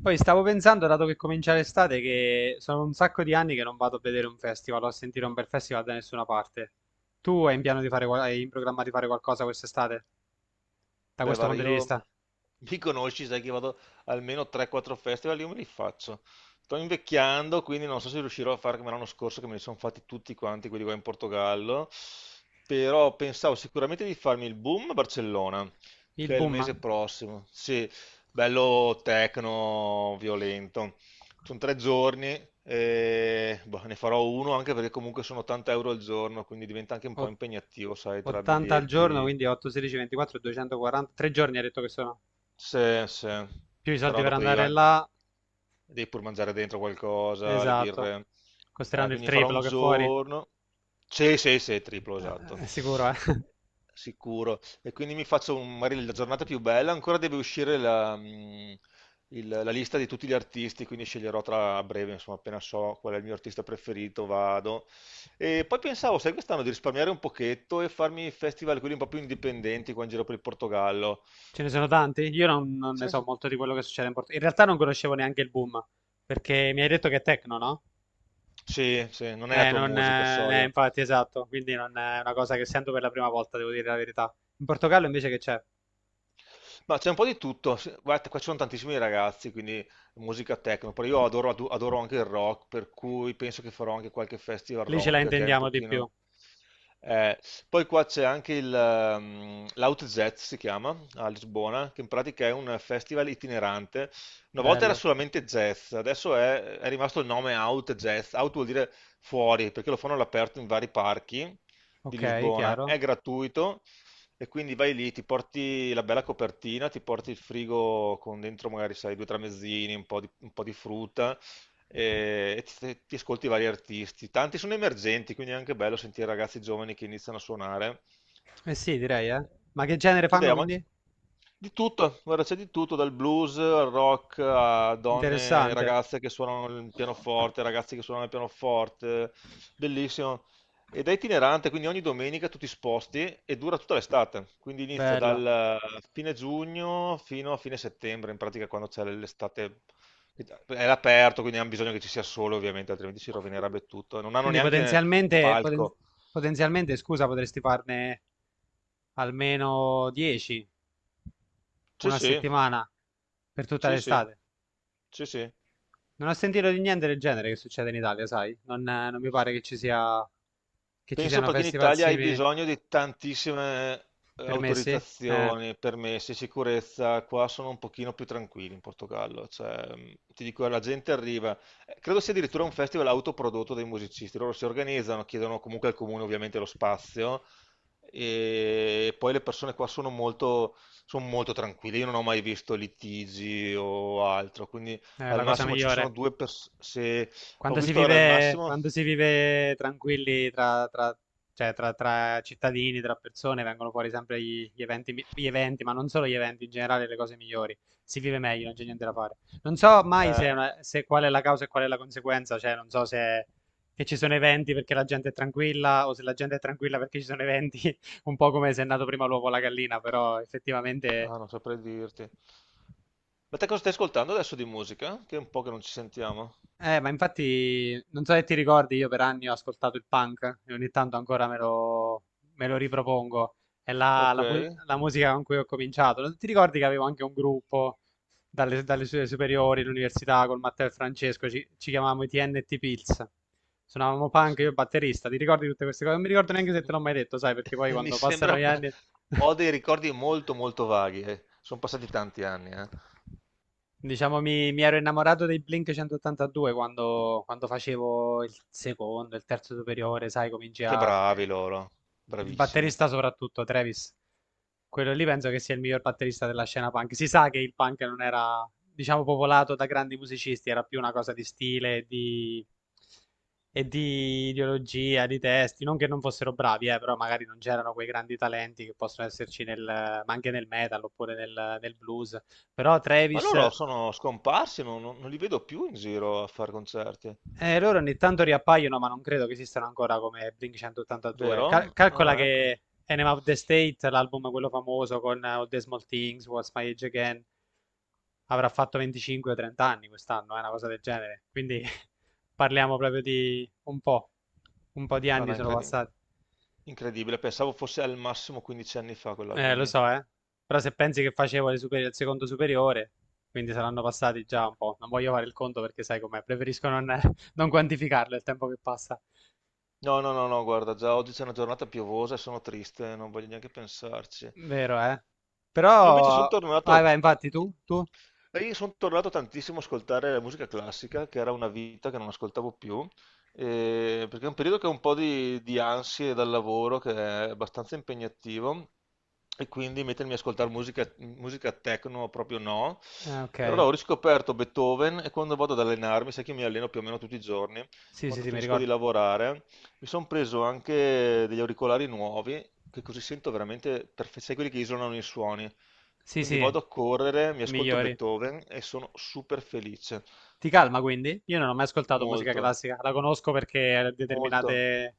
Poi stavo pensando, dato che comincia l'estate, che sono un sacco di anni che non vado a vedere un festival o a sentire un bel festival da nessuna parte. Tu hai in piano di fare, hai in programma di fare qualcosa quest'estate, da Beh, questo guarda, punto di io vista? mi conosci, sai che vado almeno 3-4 festival, io me li faccio. Sto invecchiando, quindi non so se riuscirò a fare come l'anno scorso, che me li sono fatti tutti quanti, quelli qua in Portogallo. Però pensavo sicuramente di farmi il boom a Barcellona, Il che è il boom? mese prossimo. Sì, bello tecno, violento. Sono tre giorni, e, boh, ne farò uno anche perché comunque sono 80 euro al giorno, quindi diventa anche un po' O- impegnativo, sai, tra 80 al giorno, biglietti. quindi 8, 16, 24, 240, 3 giorni ha detto che sono. Sì, sì, Più i soldi però per dopo andare là, devi pur mangiare dentro qualcosa, le esatto. birre. Costeranno il Quindi farò un triplo che fuori. Giorno. Sì, sì, sì, triplo, esatto. È sicuro, eh. Sicuro. E quindi mi faccio magari la giornata più bella. Ancora deve uscire la lista di tutti gli artisti, quindi sceglierò tra a breve, insomma, appena so qual è il mio artista preferito, vado. E poi pensavo, sai, quest'anno di risparmiare un pochetto e farmi festival quelli un po' più indipendenti qua in giro per il Portogallo. Ce ne sono tanti? Io non ne so molto di quello che succede in Portogallo. In realtà non conoscevo neanche il boom, perché mi hai detto che è techno, no? Sì, sì, non è la tua Non, musica, soia. infatti, esatto, quindi non è una cosa che sento per la prima volta, devo dire la verità. In Portogallo invece che c'è? Ma c'è un po' di tutto. Sì, guarda, qua ci sono tantissimi ragazzi, quindi musica techno. Però io adoro anche il rock, per cui penso che farò anche qualche festival Lì ce la rock che è un intendiamo di più. pochino. Eh. Poi qua c'è anche il l'OutZ si chiama a Lisbona, che in pratica è un festival itinerante. Una volta era Bello. solamente jazz, adesso è rimasto il nome Out Jazz. Out vuol dire fuori, perché lo fanno all'aperto in vari parchi di Ok, Lisbona. chiaro. È gratuito. E quindi vai lì, ti porti la bella copertina, ti porti il frigo con dentro magari, sai, due tramezzini, un po' di frutta e ti ascolti vari artisti. Tanti sono emergenti, quindi è anche bello sentire ragazzi giovani che iniziano a suonare. Eh sì, direi, eh. Ma che genere fanno L'idea ma- quindi? di tutto, guarda, c'è di tutto, dal blues al rock a donne, Interessante. ragazze che suonano il pianoforte, ragazzi che suonano il pianoforte, bellissimo. Ed è itinerante, quindi ogni domenica tu ti sposti e dura tutta l'estate, quindi inizia dal Bello. Fine giugno fino a fine settembre, in pratica quando c'è l'estate è all'aperto, quindi hanno bisogno che ci sia sole ovviamente, altrimenti si rovinerebbe tutto. Non hanno Quindi neanche un palco. potenzialmente, scusa, potresti farne almeno 10. Sì, Una sì, settimana per tutta sì, sì, l'estate. sì, sì. Non ho sentito di niente del genere che succede in Italia, sai? Non mi pare che ci Penso siano perché in festival Italia hai simili bisogno di tantissime permessi. Eh, autorizzazioni, permessi, sicurezza. Qua sono un pochino più tranquilli in Portogallo. Cioè, ti dico, la gente arriva. Eh, credo sia addirittura un festival autoprodotto dei musicisti. Loro si organizzano, chiedono comunque al comune ovviamente lo spazio e poi le persone qua sono molto tranquille. Io non ho mai visto litigi o altro, quindi è al la cosa massimo ci sono migliore. due persone. Se ho visto ora al massimo. Quando si vive tranquilli cioè, tra cittadini, tra persone, vengono fuori sempre gli eventi, ma non solo gli eventi, in generale le cose migliori. Si vive meglio, non c'è niente da fare. Non so mai Eh, se qual è la causa e qual è la conseguenza, cioè non so se che ci sono eventi perché la gente è tranquilla o se la gente è tranquilla perché ci sono eventi, un po' come se è nato prima l'uovo o la gallina, però effettivamente. ah, non saprei dirti. Ma te cosa stai ascoltando adesso di musica? Che è un po' che non ci sentiamo. Ma infatti, non so se ti ricordi, io per anni ho ascoltato il punk e ogni tanto ancora me lo ripropongo. È la, Ok. la mu- la musica con cui ho cominciato. Non ti ricordi che avevo anche un gruppo dalle superiori, all'università, con Matteo e Francesco, ci chiamavamo i TNT Pills. Suonavamo punk, Adesso io mi batterista. Ti ricordi tutte queste cose? Non mi ricordo neanche se te l'ho mai detto, sai, perché poi mi quando passano sembra... gli anni... Ho dei ricordi molto molto vaghi. Eh. Sono passati tanti anni, eh. Diciamo, mi ero innamorato dei Blink 182 quando, facevo il secondo, il terzo superiore, sai, cominci Che a... bravi loro. Il Bravissimi. batterista soprattutto, Travis. Quello lì penso che sia il miglior batterista della scena punk. Si sa che il punk non era, diciamo, popolato da grandi musicisti, era più una cosa di stile, di... e di ideologia, di testi. Non che non fossero bravi, però magari non c'erano quei grandi talenti che possono esserci nel, ma anche nel metal oppure nel, blues. Però Ma Travis. loro sono scomparsi, non li vedo più in giro a fare concerti. Loro ogni tanto riappaiono, ma non credo che esistano ancora come Blink 182. Cal- Vero? calcola Ah, ecco. che Enema of the State, l'album quello famoso con All the Small Things, What's My Age Again, avrà fatto 25 o 30 anni quest'anno, è una cosa del genere. Quindi parliamo proprio di un po'. Un po' di No, anni no, sono incredi- passati. incredibile. Pensavo fosse al massimo 15 anni fa quell'album Lo lì. so, eh. Però se pensi che facevo il secondo superiore, quindi saranno passati già un po'. Non voglio fare il conto perché sai com'è, preferisco non non quantificarlo il tempo che passa. No, no, no, no, guarda, già oggi c'è una giornata piovosa e sono triste, non voglio neanche pensarci. Vero, eh. Io invece sono Però... Vai, vai, infatti, tu? Tu? Io sono tornato tantissimo a ascoltare la musica classica, che era una vita che non ascoltavo più, perché è un periodo che ho un po' di ansie dal lavoro, che è abbastanza impegnativo, e quindi mettermi a ascoltare musica techno proprio no. Ah, E allora ok. ho riscoperto Beethoven e quando vado ad allenarmi, sai che io mi alleno più o meno tutti i giorni, Sì, sì, quando sì, mi finisco di ricordo. lavorare mi sono preso anche degli auricolari nuovi, che così sento veramente perfetti, sai quelli che isolano i suoni. Sì, Quindi vado sì, a correre, mi i ascolto migliori. Beethoven e sono super felice. Ti calma, quindi? Io non ho mai ascoltato musica Molto, classica. La conosco perché molto. determinate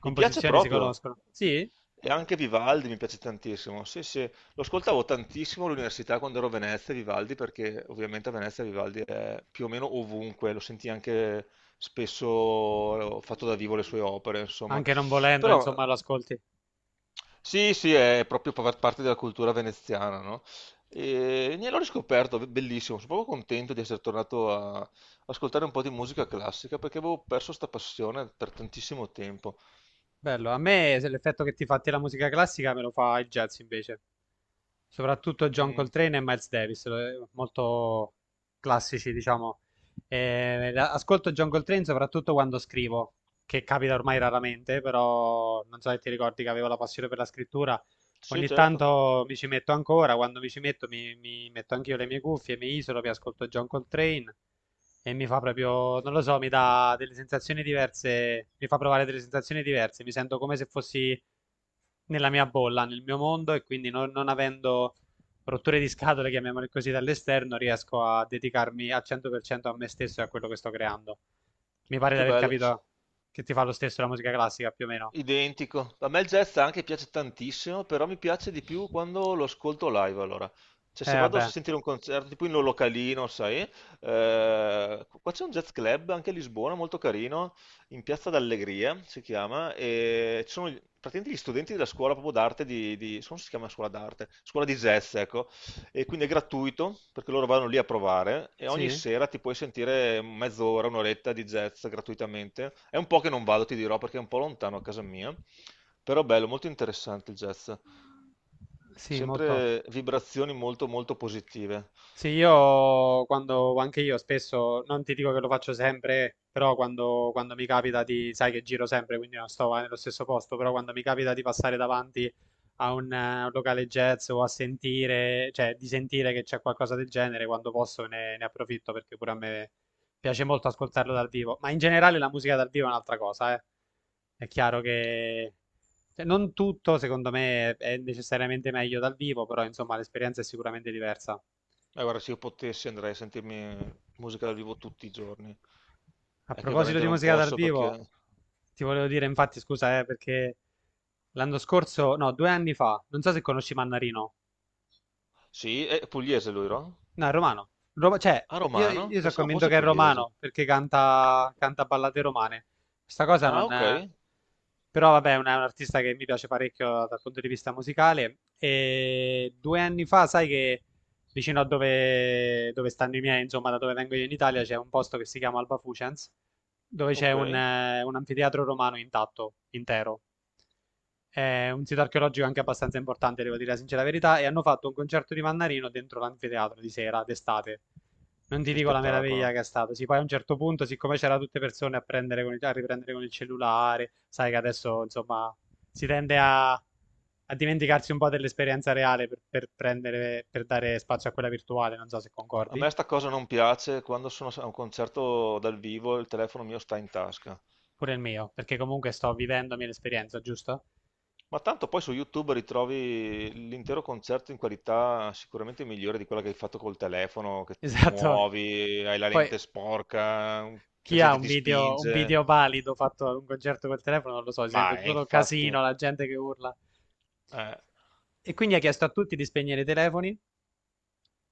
Mi piace si proprio. conoscono. Sì? E anche Vivaldi mi piace tantissimo. Sì, sì, lo ascoltavo tantissimo all'università quando ero a Venezia, Vivaldi, perché ovviamente a Venezia Vivaldi è più o meno ovunque, lo senti anche spesso fatto da vivo le sue opere, insomma. Anche non volendo, Però insomma, lo ascolti. sì, sì, è proprio parte della cultura veneziana, no? E ne l'ho riscoperto, bellissimo, sono proprio contento di essere tornato a ascoltare un po' di musica classica perché avevo perso sta passione per tantissimo tempo. Bello. A me se l'effetto che ti fatti la musica classica me lo fa il jazz, invece. Soprattutto John Mm, Coltrane e Miles Davis, molto classici, diciamo. Ascolto John Coltrane soprattutto quando scrivo, che capita ormai raramente, però non so se ti ricordi che avevo la passione per la scrittura. sì, Ogni certo, tanto mi ci metto ancora, quando mi ci metto mi metto anch'io le mie cuffie, mi isolo, mi ascolto John Coltrane e mi fa proprio, non lo so, mi dà delle sensazioni diverse, mi fa provare delle sensazioni diverse, mi sento come se fossi nella mia bolla, nel mio mondo e quindi non avendo rotture di scatole, chiamiamole così, dall'esterno, riesco a dedicarmi al 100% a me stesso e a quello che sto creando. Mi pare di che aver bello. capito che ti fa lo stesso la musica classica, più o meno. Identico. A me il jazz anche piace tantissimo, però mi piace di più quando lo ascolto live, allora. Cioè, se vado a Vabbè, sentire un concerto, tipo in un localino, sai? Qua c'è un jazz club anche a Lisbona, molto carino, in Piazza d'Allegria si chiama, e ci sono praticamente gli studenti della scuola proprio d'arte di, non so se si chiama scuola d'arte, scuola di jazz, ecco, e quindi è gratuito perché loro vanno lì a provare e ogni sì, sera ti puoi sentire mezz'ora, un'oretta di jazz gratuitamente. È un po' che non vado, ti dirò, perché è un po' lontano a casa mia, però bello, molto interessante il jazz. sì, molto. Sempre vibrazioni molto molto positive. Sì, io anche io spesso, non ti dico che lo faccio sempre, però quando, mi capita di, sai che giro sempre, quindi non sto mai nello stesso posto, però quando mi capita di passare davanti a un locale jazz o a sentire, cioè di sentire che c'è qualcosa del genere, quando posso ne approfitto perché pure a me piace molto ascoltarlo dal vivo. Ma in generale la musica dal vivo è un'altra cosa, eh. È chiaro che cioè, non tutto, secondo me, è necessariamente meglio dal vivo, però insomma l'esperienza è sicuramente diversa. E guarda, se io potessi andrei a sentirmi musica dal vivo tutti i giorni. A È che proposito veramente di non musica dal posso perché... vivo, ti volevo dire, infatti, scusa, perché l'anno scorso, no, 2 anni fa, non so se conosci Mannarino. Sì, è pugliese lui, no? No, è romano. Cioè, Ah, io, romano? io sono Pensavo convinto fosse che è pugliese. romano perché canta ballate romane. Questa cosa Ah, non... ok, però vabbè, è un artista che mi piace parecchio dal punto di vista musicale. E 2 anni fa, sai che vicino a dove stanno i miei, insomma, da dove vengo io in Italia, c'è un posto che si chiama Alba Fucens, dove c'è ok. un anfiteatro romano intatto, intero. È un sito archeologico anche abbastanza importante, devo dire la sincera verità, e hanno fatto un concerto di Mannarino dentro l'anfiteatro di sera, d'estate. Non ti Che dico la meraviglia spettacolo. che è stato. Sì, poi a un certo punto, siccome c'erano tutte persone a riprendere con il cellulare, sai che adesso, insomma, si tende a dimenticarsi un po' dell'esperienza reale per dare spazio a quella virtuale, non so se A concordi, me sta cosa non piace, quando sono a un concerto dal vivo il telefono mio sta in tasca. pure il mio, perché comunque sto vivendomi l'esperienza, giusto? Ma tanto poi su YouTube ritrovi l'intero concerto in qualità sicuramente migliore di quella che hai fatto col telefono, che ti Esatto. muovi, hai la Poi lente sporca, la chi ha gente ti un spinge. video valido fatto ad un concerto col telefono, non lo so, si sente Ma tutto il infatti... casino, la gente che urla. eh. E quindi ha chiesto a tutti di spegnere i telefoni.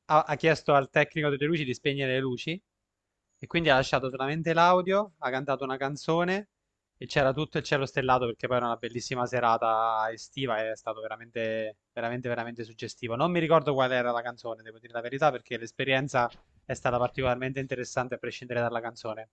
Ha chiesto al tecnico delle luci di spegnere le luci e quindi ha lasciato solamente l'audio, ha cantato una canzone e c'era tutto il cielo stellato perché poi era una bellissima serata estiva e è stato veramente, veramente, veramente suggestivo. Non mi ricordo qual era la canzone, devo dire la verità, perché l'esperienza è stata particolarmente interessante a prescindere dalla canzone.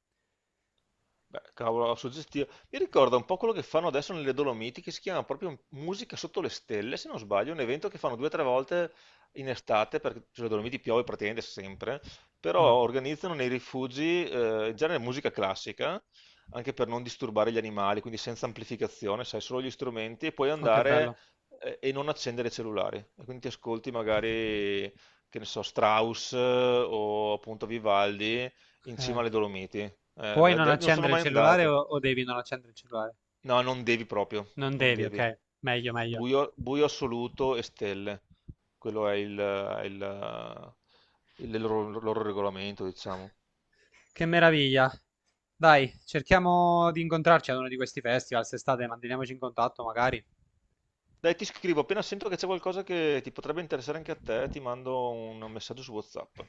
Beh, cavolo, suggestivo. Mi ricorda un po' quello che fanno adesso nelle Dolomiti, che si chiama proprio Musica sotto le stelle, se non sbaglio, un evento che fanno due o tre volte in estate, perché sulle Dolomiti piove praticamente sempre, però Mm. organizzano nei rifugi, in genere musica classica, anche per non disturbare gli animali, quindi senza amplificazione, sai, solo gli strumenti, e puoi Oh, che andare, bello. E non accendere i cellulari. E quindi ti ascolti magari, che ne so, Strauss, o appunto Vivaldi in cima Eh, alle Dolomiti. Puoi non Non sono accendere il mai cellulare andato. o devi non accendere il cellulare? No, non devi proprio, Non non devi, devi. ok. Meglio, meglio. Buio, buio assoluto e stelle. Quello è il loro, loro regolamento, diciamo. Che meraviglia. Dai, cerchiamo di incontrarci ad uno di questi festival, se estate, manteniamoci in contatto magari. Dai, ti scrivo, appena sento che c'è qualcosa che ti potrebbe interessare anche a te, ti mando un messaggio su WhatsApp.